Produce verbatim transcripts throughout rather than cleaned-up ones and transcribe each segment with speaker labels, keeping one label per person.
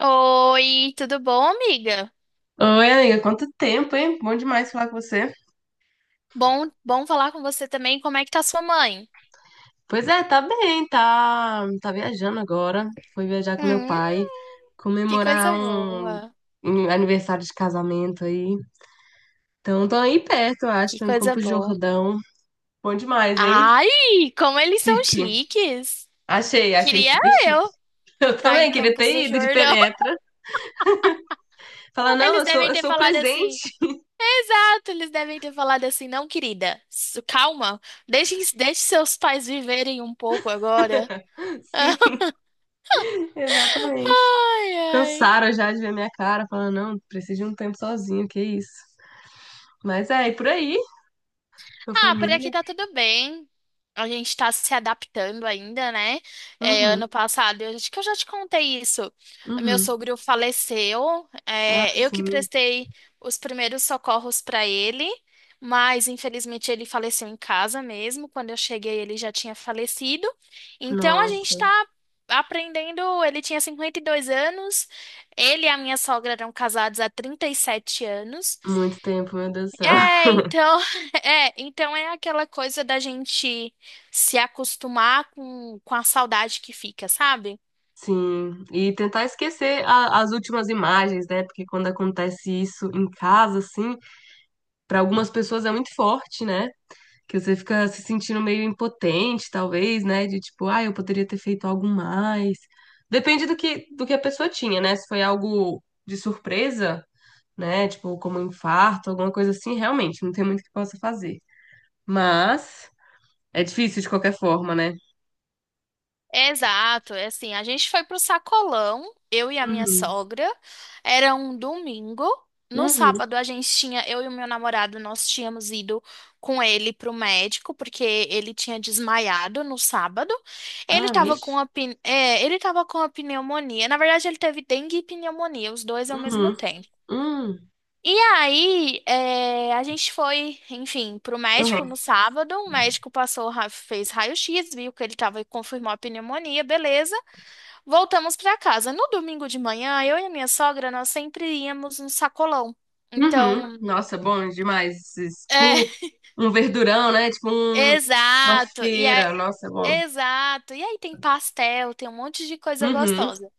Speaker 1: Oi, tudo bom, amiga?
Speaker 2: Oi, amiga, quanto tempo, hein? Bom demais falar com você.
Speaker 1: Bom, bom falar com você também. Como é que tá sua mãe?
Speaker 2: Pois é, tá bem, tá, tá viajando agora. Fui viajar com meu
Speaker 1: Hum,
Speaker 2: pai,
Speaker 1: que
Speaker 2: comemorar
Speaker 1: coisa
Speaker 2: um,
Speaker 1: boa.
Speaker 2: um aniversário de casamento aí. Então, tô aí perto, eu acho,
Speaker 1: Que
Speaker 2: tô em
Speaker 1: coisa
Speaker 2: Campos do
Speaker 1: boa.
Speaker 2: Jordão. Bom demais, hein?
Speaker 1: Ai, como eles são
Speaker 2: Chique.
Speaker 1: chiques.
Speaker 2: Achei, achei
Speaker 1: Queria
Speaker 2: super chique.
Speaker 1: eu
Speaker 2: Eu
Speaker 1: estar em
Speaker 2: também queria
Speaker 1: Campos do
Speaker 2: ter ido de
Speaker 1: Jordão.
Speaker 2: penetra. Falar, não,
Speaker 1: Eles
Speaker 2: eu sou,
Speaker 1: devem
Speaker 2: eu
Speaker 1: ter
Speaker 2: sou o
Speaker 1: falado assim.
Speaker 2: presente.
Speaker 1: Exato, eles devem ter falado assim, não, querida. su- Calma, deixe, deixe seus pais viverem um pouco agora.
Speaker 2: Sim, exatamente.
Speaker 1: Ai, ai.
Speaker 2: Cansaram já de ver minha cara, falando, não, preciso de um tempo sozinho, que isso. Mas é, e por aí. Sua
Speaker 1: Ah, por aqui
Speaker 2: família?
Speaker 1: tá tudo bem. A gente tá se adaptando ainda, né? É,
Speaker 2: Uhum,
Speaker 1: ano passado, eu acho que eu já te contei isso. Meu
Speaker 2: uhum.
Speaker 1: sogro faleceu.
Speaker 2: Ah,
Speaker 1: É, eu que
Speaker 2: sim.
Speaker 1: prestei os primeiros socorros pra ele, mas infelizmente ele faleceu em casa mesmo. Quando eu cheguei, ele já tinha falecido. Então a gente
Speaker 2: Nossa,
Speaker 1: tá aprendendo. Ele tinha cinquenta e dois anos. Ele e a minha sogra eram casados há trinta e sete anos.
Speaker 2: muito tempo, meu Deus do céu.
Speaker 1: É, então, é, então é aquela coisa da gente se acostumar com, com a saudade que fica, sabe?
Speaker 2: Sim, e tentar esquecer a- as últimas imagens, né? Porque quando acontece isso em casa, assim, para algumas pessoas é muito forte, né? Que você fica se sentindo meio impotente, talvez, né? De tipo, ah, eu poderia ter feito algo mais. Depende do que, do que a pessoa tinha, né? Se foi algo de surpresa, né? Tipo, como um infarto, alguma coisa assim, realmente, não tem muito que possa fazer. Mas. É difícil de qualquer forma, né?
Speaker 1: Exato, é assim, a gente foi pro sacolão, eu e a minha
Speaker 2: Uhum.
Speaker 1: sogra, era um domingo. No
Speaker 2: Uhum.
Speaker 1: sábado a gente tinha, eu e o meu namorado, nós tínhamos ido com ele pro médico, porque ele tinha desmaiado no sábado. Ele
Speaker 2: Ah,
Speaker 1: tava
Speaker 2: vixe.
Speaker 1: com a, pin- é, ele tava com a pneumonia. Na verdade, ele teve dengue e pneumonia, os dois ao mesmo
Speaker 2: Uhum.
Speaker 1: tempo.
Speaker 2: Uhum.
Speaker 1: E aí, é, a gente foi, enfim, pro médico
Speaker 2: Uhum.
Speaker 1: no sábado. O médico passou, ra- fez raio-x, viu que ele tava e confirmou a pneumonia, beleza. Voltamos pra casa. No domingo de manhã, eu e a minha sogra, nós sempre íamos no sacolão.
Speaker 2: Uhum.
Speaker 1: Então,
Speaker 2: Nossa, bom demais. Esses-
Speaker 1: é,
Speaker 2: Tipo um verdurão, né? Tipo um- uma
Speaker 1: exato. E é,
Speaker 2: feira. Nossa, bom.
Speaker 1: exato. E aí tem pastel, tem um monte de coisa
Speaker 2: Uhum.
Speaker 1: gostosa.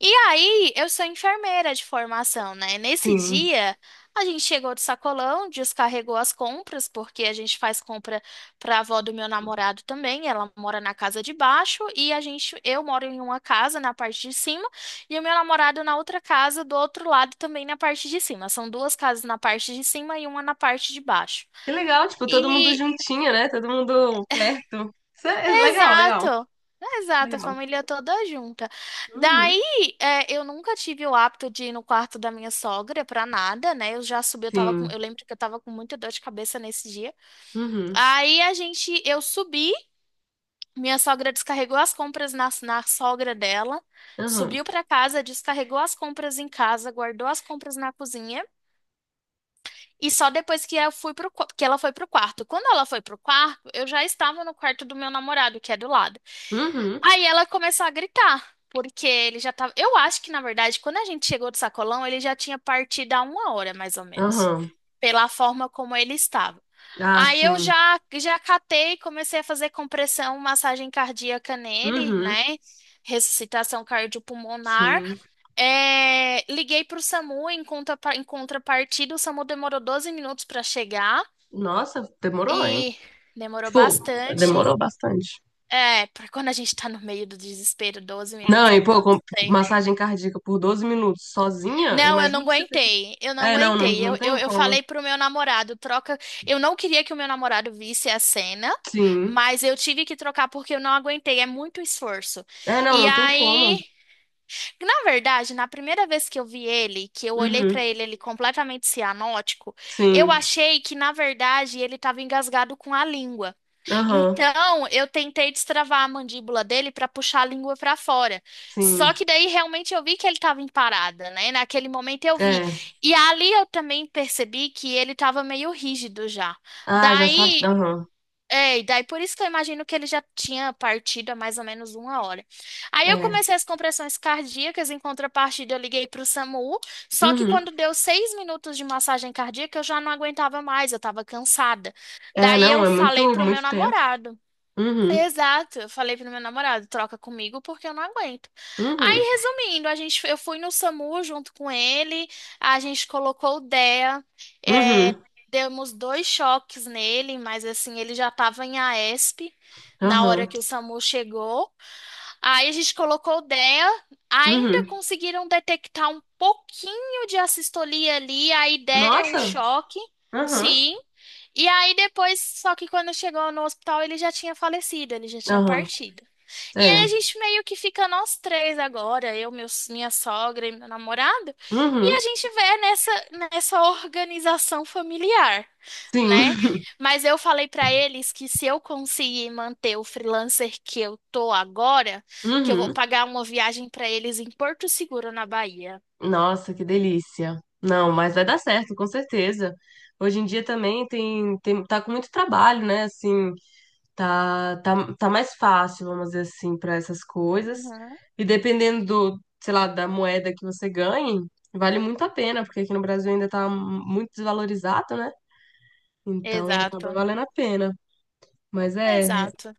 Speaker 1: E aí, eu sou enfermeira de formação, né? Nesse
Speaker 2: Sim.
Speaker 1: dia, a gente chegou do sacolão, descarregou as compras, porque a gente faz compra para a avó do meu namorado também. Ela mora na casa de baixo e a gente, eu moro em uma casa na parte de cima e o meu namorado na outra casa do outro lado também na parte de cima. São duas casas na parte de cima e uma na parte de baixo.
Speaker 2: Que legal, tipo, todo mundo
Speaker 1: E
Speaker 2: juntinho, né? Todo mundo perto. Isso é legal, legal,
Speaker 1: Exato. Exato, a
Speaker 2: legal.
Speaker 1: família toda junta.
Speaker 2: Uhum.
Speaker 1: Daí, é, eu nunca tive o hábito de ir no quarto da minha sogra pra nada, né? Eu já subi, eu tava com,
Speaker 2: Sim.
Speaker 1: eu lembro que eu tava com muita dor de cabeça nesse dia.
Speaker 2: Uhum.
Speaker 1: Aí a gente, eu subi, minha sogra descarregou as compras na, na sogra dela,
Speaker 2: Uhum.
Speaker 1: subiu pra casa, descarregou as compras em casa, guardou as compras na cozinha e só depois que eu fui pro, qua- que ela foi pro quarto. Quando ela foi pro quarto, eu já estava no quarto do meu namorado, que é do lado.
Speaker 2: Uhum.
Speaker 1: Aí ela começou a gritar, porque ele já tava. Eu acho que, na verdade, quando a gente chegou do sacolão, ele já tinha partido há uma hora, mais ou menos,
Speaker 2: Aham.
Speaker 1: pela forma como ele estava.
Speaker 2: Ah,
Speaker 1: Aí eu
Speaker 2: sim.
Speaker 1: já, já catei, comecei a fazer compressão, massagem cardíaca nele,
Speaker 2: Uhum.
Speaker 1: né? Ressuscitação cardiopulmonar.
Speaker 2: Sim.
Speaker 1: É, liguei para o SAMU em conta, em contrapartida, o SAMU demorou doze minutos para chegar
Speaker 2: Nossa, demorou, hein?
Speaker 1: e demorou
Speaker 2: Tipo,
Speaker 1: bastante.
Speaker 2: demorou bastante.
Speaker 1: É, pra quando a gente tá no meio do desespero, doze
Speaker 2: Não,
Speaker 1: minutos é
Speaker 2: e pô, com
Speaker 1: tanto tempo.
Speaker 2: massagem cardíaca por doze minutos sozinha,
Speaker 1: Não, eu não
Speaker 2: imagina o que você fez.
Speaker 1: aguentei, eu não
Speaker 2: É, não, não,
Speaker 1: aguentei.
Speaker 2: não
Speaker 1: Eu, eu,
Speaker 2: tem
Speaker 1: eu
Speaker 2: como.
Speaker 1: falei pro meu namorado, troca. Eu não queria que o meu namorado visse a cena,
Speaker 2: Sim.
Speaker 1: mas eu tive que trocar porque eu não aguentei, é muito esforço.
Speaker 2: É, não,
Speaker 1: E
Speaker 2: não tem como.
Speaker 1: aí, na verdade, na primeira vez que eu vi ele, que eu olhei pra
Speaker 2: Uhum.
Speaker 1: ele, ele completamente cianótico, eu
Speaker 2: Sim.
Speaker 1: achei que, na verdade, ele tava engasgado com a língua.
Speaker 2: Aham.
Speaker 1: Então, eu tentei destravar a mandíbula dele para puxar a língua para fora. Só
Speaker 2: Sim.
Speaker 1: que daí realmente eu vi que ele estava em parada, né? Naquele momento eu vi.
Speaker 2: É.
Speaker 1: E ali eu também percebi que ele estava meio rígido já.
Speaker 2: Ah, já sabe.
Speaker 1: Daí,
Speaker 2: Aham.
Speaker 1: é, e daí por isso que eu imagino que ele já tinha partido há mais ou menos uma hora. Aí eu
Speaker 2: É.
Speaker 1: comecei as compressões cardíacas, em contrapartida eu liguei para o SAMU. Só que
Speaker 2: Uhum.
Speaker 1: quando deu seis minutos de massagem cardíaca, eu já não aguentava mais, eu estava cansada.
Speaker 2: É,
Speaker 1: Daí
Speaker 2: não,
Speaker 1: eu
Speaker 2: é
Speaker 1: falei
Speaker 2: muito,
Speaker 1: pro meu
Speaker 2: muito tempo.
Speaker 1: namorado.
Speaker 2: Uhum.
Speaker 1: Exato, eu falei pro meu namorado, troca comigo porque eu não aguento.
Speaker 2: Uhum.
Speaker 1: Aí, resumindo, a gente, eu fui no SAMU junto com ele, a gente colocou o D E A, é,
Speaker 2: Uhum.
Speaker 1: demos dois choques nele, mas assim, ele já estava em A E S P na hora
Speaker 2: Aham.
Speaker 1: que o SAMU chegou. Aí a gente colocou o D E A, ainda
Speaker 2: Uhum.
Speaker 1: conseguiram detectar um pouquinho de assistolia ali, aí deram um
Speaker 2: Nossa.
Speaker 1: choque,
Speaker 2: Aham.
Speaker 1: sim. E aí depois, só que quando chegou no hospital, ele já tinha falecido, ele já tinha
Speaker 2: Aham.
Speaker 1: partido. E
Speaker 2: É.
Speaker 1: aí a gente meio que fica nós três agora, eu, meu, minha sogra e meu namorado, e a
Speaker 2: Uhum.
Speaker 1: gente vê nessa, nessa, organização familiar,
Speaker 2: Sim.
Speaker 1: né? Mas eu falei pra eles que se eu conseguir manter o freelancer que eu tô agora, que eu vou
Speaker 2: Uhum.
Speaker 1: pagar uma viagem para eles em Porto Seguro, na Bahia.
Speaker 2: Nossa, que delícia. Não, mas vai dar certo, com certeza. Hoje em dia também tem, tem tá com muito trabalho, né? Assim, tá, tá, tá mais fácil, vamos dizer assim, para essas coisas.
Speaker 1: Uhum.
Speaker 2: E dependendo do, sei lá, da moeda que você ganhe, vale muito a pena, porque aqui no Brasil ainda tá muito desvalorizado, né? Então acaba
Speaker 1: Exato,
Speaker 2: valendo a pena. Mas é,
Speaker 1: exato.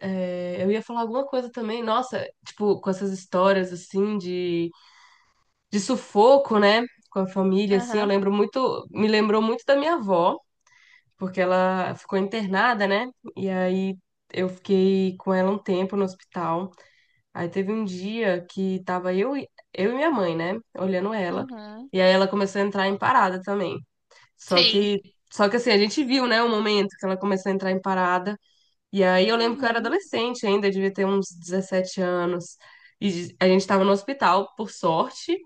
Speaker 2: é, eu ia falar alguma coisa também, nossa, tipo, com essas histórias assim de de sufoco, né, com a família, assim, eu
Speaker 1: Aham,
Speaker 2: lembro muito, me lembrou muito da minha avó, porque ela ficou internada, né, e aí eu fiquei com ela um tempo no hospital, aí teve um dia que tava eu, e- eu e minha mãe, né, olhando ela,
Speaker 1: uhum.
Speaker 2: e aí ela começou a entrar em parada também, só
Speaker 1: Sim.
Speaker 2: que, só que assim, a gente viu, né, o momento que ela começou a entrar em parada, e aí eu lembro que eu era
Speaker 1: Uhum.
Speaker 2: adolescente ainda, devia ter uns dezessete anos. E a gente estava no hospital, por sorte,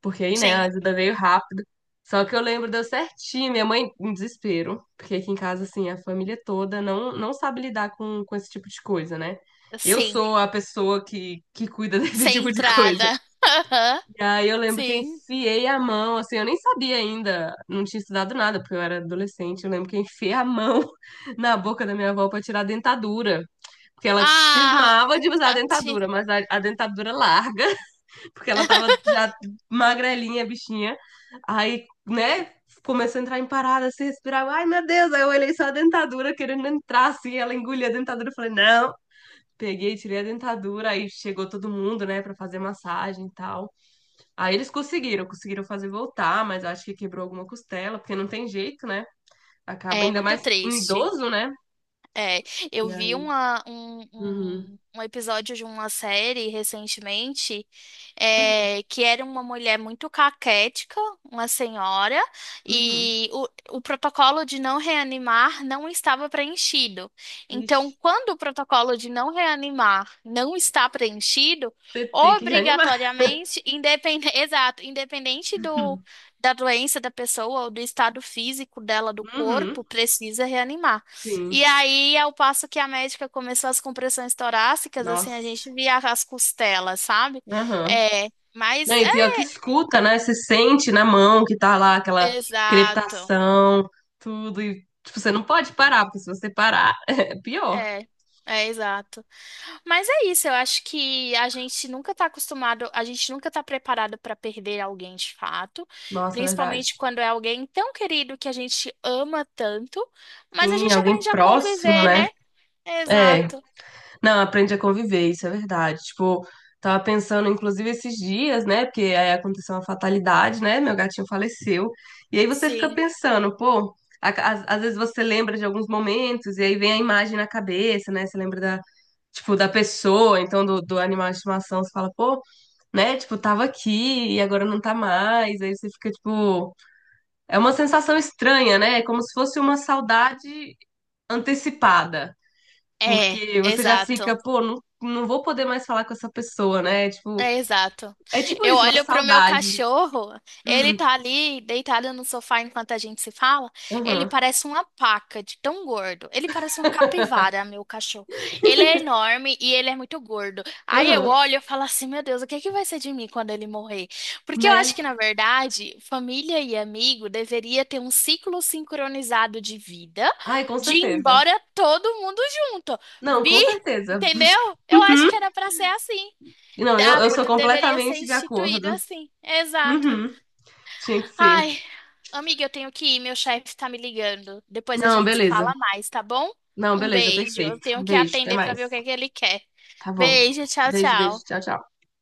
Speaker 2: porque aí, né, a
Speaker 1: Sim,
Speaker 2: ajuda veio rápido. Só que eu lembro, deu certinho, minha mãe em desespero, porque aqui em casa, assim, a família toda não, não sabe lidar com, com esse tipo de coisa, né? Eu
Speaker 1: sim.
Speaker 2: sou a pessoa que, que cuida desse
Speaker 1: Sem
Speaker 2: tipo de coisa.
Speaker 1: entrada. Aham,
Speaker 2: E aí eu lembro que eu
Speaker 1: sim.
Speaker 2: enfiei a mão, assim, eu nem sabia ainda, não tinha estudado nada, porque eu era adolescente. Eu lembro que eu enfiei a mão na boca da minha avó para tirar a dentadura. Porque ela
Speaker 1: Ah,
Speaker 2: cismava de usar a
Speaker 1: Tati.
Speaker 2: dentadura, mas a, a dentadura larga, porque ela tava já magrelinha, bichinha. Aí, né, começou a entrar em parada, se respirar. Ai, meu Deus! Aí eu olhei só a dentadura querendo entrar, assim, ela engolia a dentadura. Eu falei, não. Peguei, tirei a dentadura, aí chegou todo mundo, né, pra fazer massagem e tal. Aí eles conseguiram, conseguiram fazer voltar, mas acho que quebrou alguma costela, porque não tem jeito, né? Acaba
Speaker 1: É
Speaker 2: ainda
Speaker 1: muito
Speaker 2: mais em
Speaker 1: triste.
Speaker 2: idoso, né?
Speaker 1: É, eu
Speaker 2: E
Speaker 1: vi
Speaker 2: aí.
Speaker 1: uma, um,
Speaker 2: Uhum,
Speaker 1: um, um episódio de uma série recentemente,
Speaker 2: uhum,
Speaker 1: é, que era uma mulher muito caquética, uma senhora,
Speaker 2: uhum.
Speaker 1: e o, o protocolo de não reanimar não estava preenchido. Então,
Speaker 2: Ixi.
Speaker 1: quando o protocolo de não reanimar não está preenchido,
Speaker 2: Você tem que reanimar.
Speaker 1: obrigatoriamente, independente, exato, independente do, da doença da pessoa ou do estado físico dela, do
Speaker 2: Uhum,
Speaker 1: corpo, precisa reanimar. E
Speaker 2: sim.
Speaker 1: aí, ao passo que a médica começou as compressões torácicas, assim, a
Speaker 2: Nossa.
Speaker 1: gente via as costelas, sabe?
Speaker 2: Aham.
Speaker 1: É,
Speaker 2: Não,
Speaker 1: mas é
Speaker 2: e pior que escuta, né? Você sente na mão que tá lá aquela
Speaker 1: exato.
Speaker 2: crepitação, tudo. E, tipo, você não pode parar, porque se você parar, é pior.
Speaker 1: É, é exato. Mas é isso, eu acho que a gente nunca tá acostumado, a gente nunca tá preparado para perder alguém de fato,
Speaker 2: Nossa, é verdade.
Speaker 1: principalmente quando é alguém tão querido que a gente ama tanto, mas a
Speaker 2: Sim,
Speaker 1: gente
Speaker 2: alguém
Speaker 1: aprende a
Speaker 2: próximo,
Speaker 1: conviver,
Speaker 2: né?
Speaker 1: né?
Speaker 2: É.
Speaker 1: Exato.
Speaker 2: Não, aprende a conviver, isso é verdade. Tipo, tava pensando, inclusive, esses dias, né? Porque aí aconteceu uma fatalidade, né? Meu gatinho faleceu. E aí você fica
Speaker 1: Sim.
Speaker 2: pensando, pô, a- às, às vezes você lembra de alguns momentos, e aí vem a imagem na cabeça, né? Você lembra da, tipo, da pessoa, então do, do animal de estimação, você fala, pô, né? Tipo, tava aqui e agora não tá mais. Aí você fica, tipo, é uma sensação estranha, né? É como se fosse uma saudade antecipada.
Speaker 1: É,
Speaker 2: Porque você já fica,
Speaker 1: exato.
Speaker 2: pô, não, não vou poder mais falar com essa pessoa, né? Tipo,
Speaker 1: É, exato.
Speaker 2: é tipo
Speaker 1: Eu
Speaker 2: isso, uma
Speaker 1: olho pro meu
Speaker 2: saudade.
Speaker 1: cachorro, ele
Speaker 2: Hum,
Speaker 1: tá ali deitado no sofá enquanto a gente se fala. Ele
Speaker 2: aham,
Speaker 1: parece uma paca de tão gordo. Ele parece uma capivara, meu cachorro. Ele é enorme e ele é muito gordo. Aí eu
Speaker 2: aham,
Speaker 1: olho e falo assim, meu Deus, o que é que vai ser de mim quando ele morrer? Porque eu acho
Speaker 2: né?
Speaker 1: que, na verdade, família e amigo deveria ter um ciclo sincronizado de vida,
Speaker 2: Ai, com
Speaker 1: de ir
Speaker 2: certeza.
Speaker 1: embora todo mundo junto.
Speaker 2: Não,
Speaker 1: Vi,
Speaker 2: com certeza.
Speaker 1: entendeu? Eu acho que era pra ser assim
Speaker 2: Não, eu,
Speaker 1: dá,
Speaker 2: eu sou
Speaker 1: pod- deveria ser
Speaker 2: completamente de
Speaker 1: instituído
Speaker 2: acordo.
Speaker 1: assim. Exato.
Speaker 2: Uhum, tinha que ser.
Speaker 1: Ai, amiga, eu tenho que ir, meu chefe tá me ligando. Depois a
Speaker 2: Não,
Speaker 1: gente se fala
Speaker 2: beleza.
Speaker 1: mais, tá bom?
Speaker 2: Não,
Speaker 1: Um
Speaker 2: beleza,
Speaker 1: beijo. Eu
Speaker 2: perfeito.
Speaker 1: tenho que
Speaker 2: Beijo, até
Speaker 1: atender pra
Speaker 2: mais.
Speaker 1: ver o que é que ele quer.
Speaker 2: Tá bom.
Speaker 1: Beijo, tchau,
Speaker 2: Beijo, beijo.
Speaker 1: tchau.
Speaker 2: Tchau, tchau.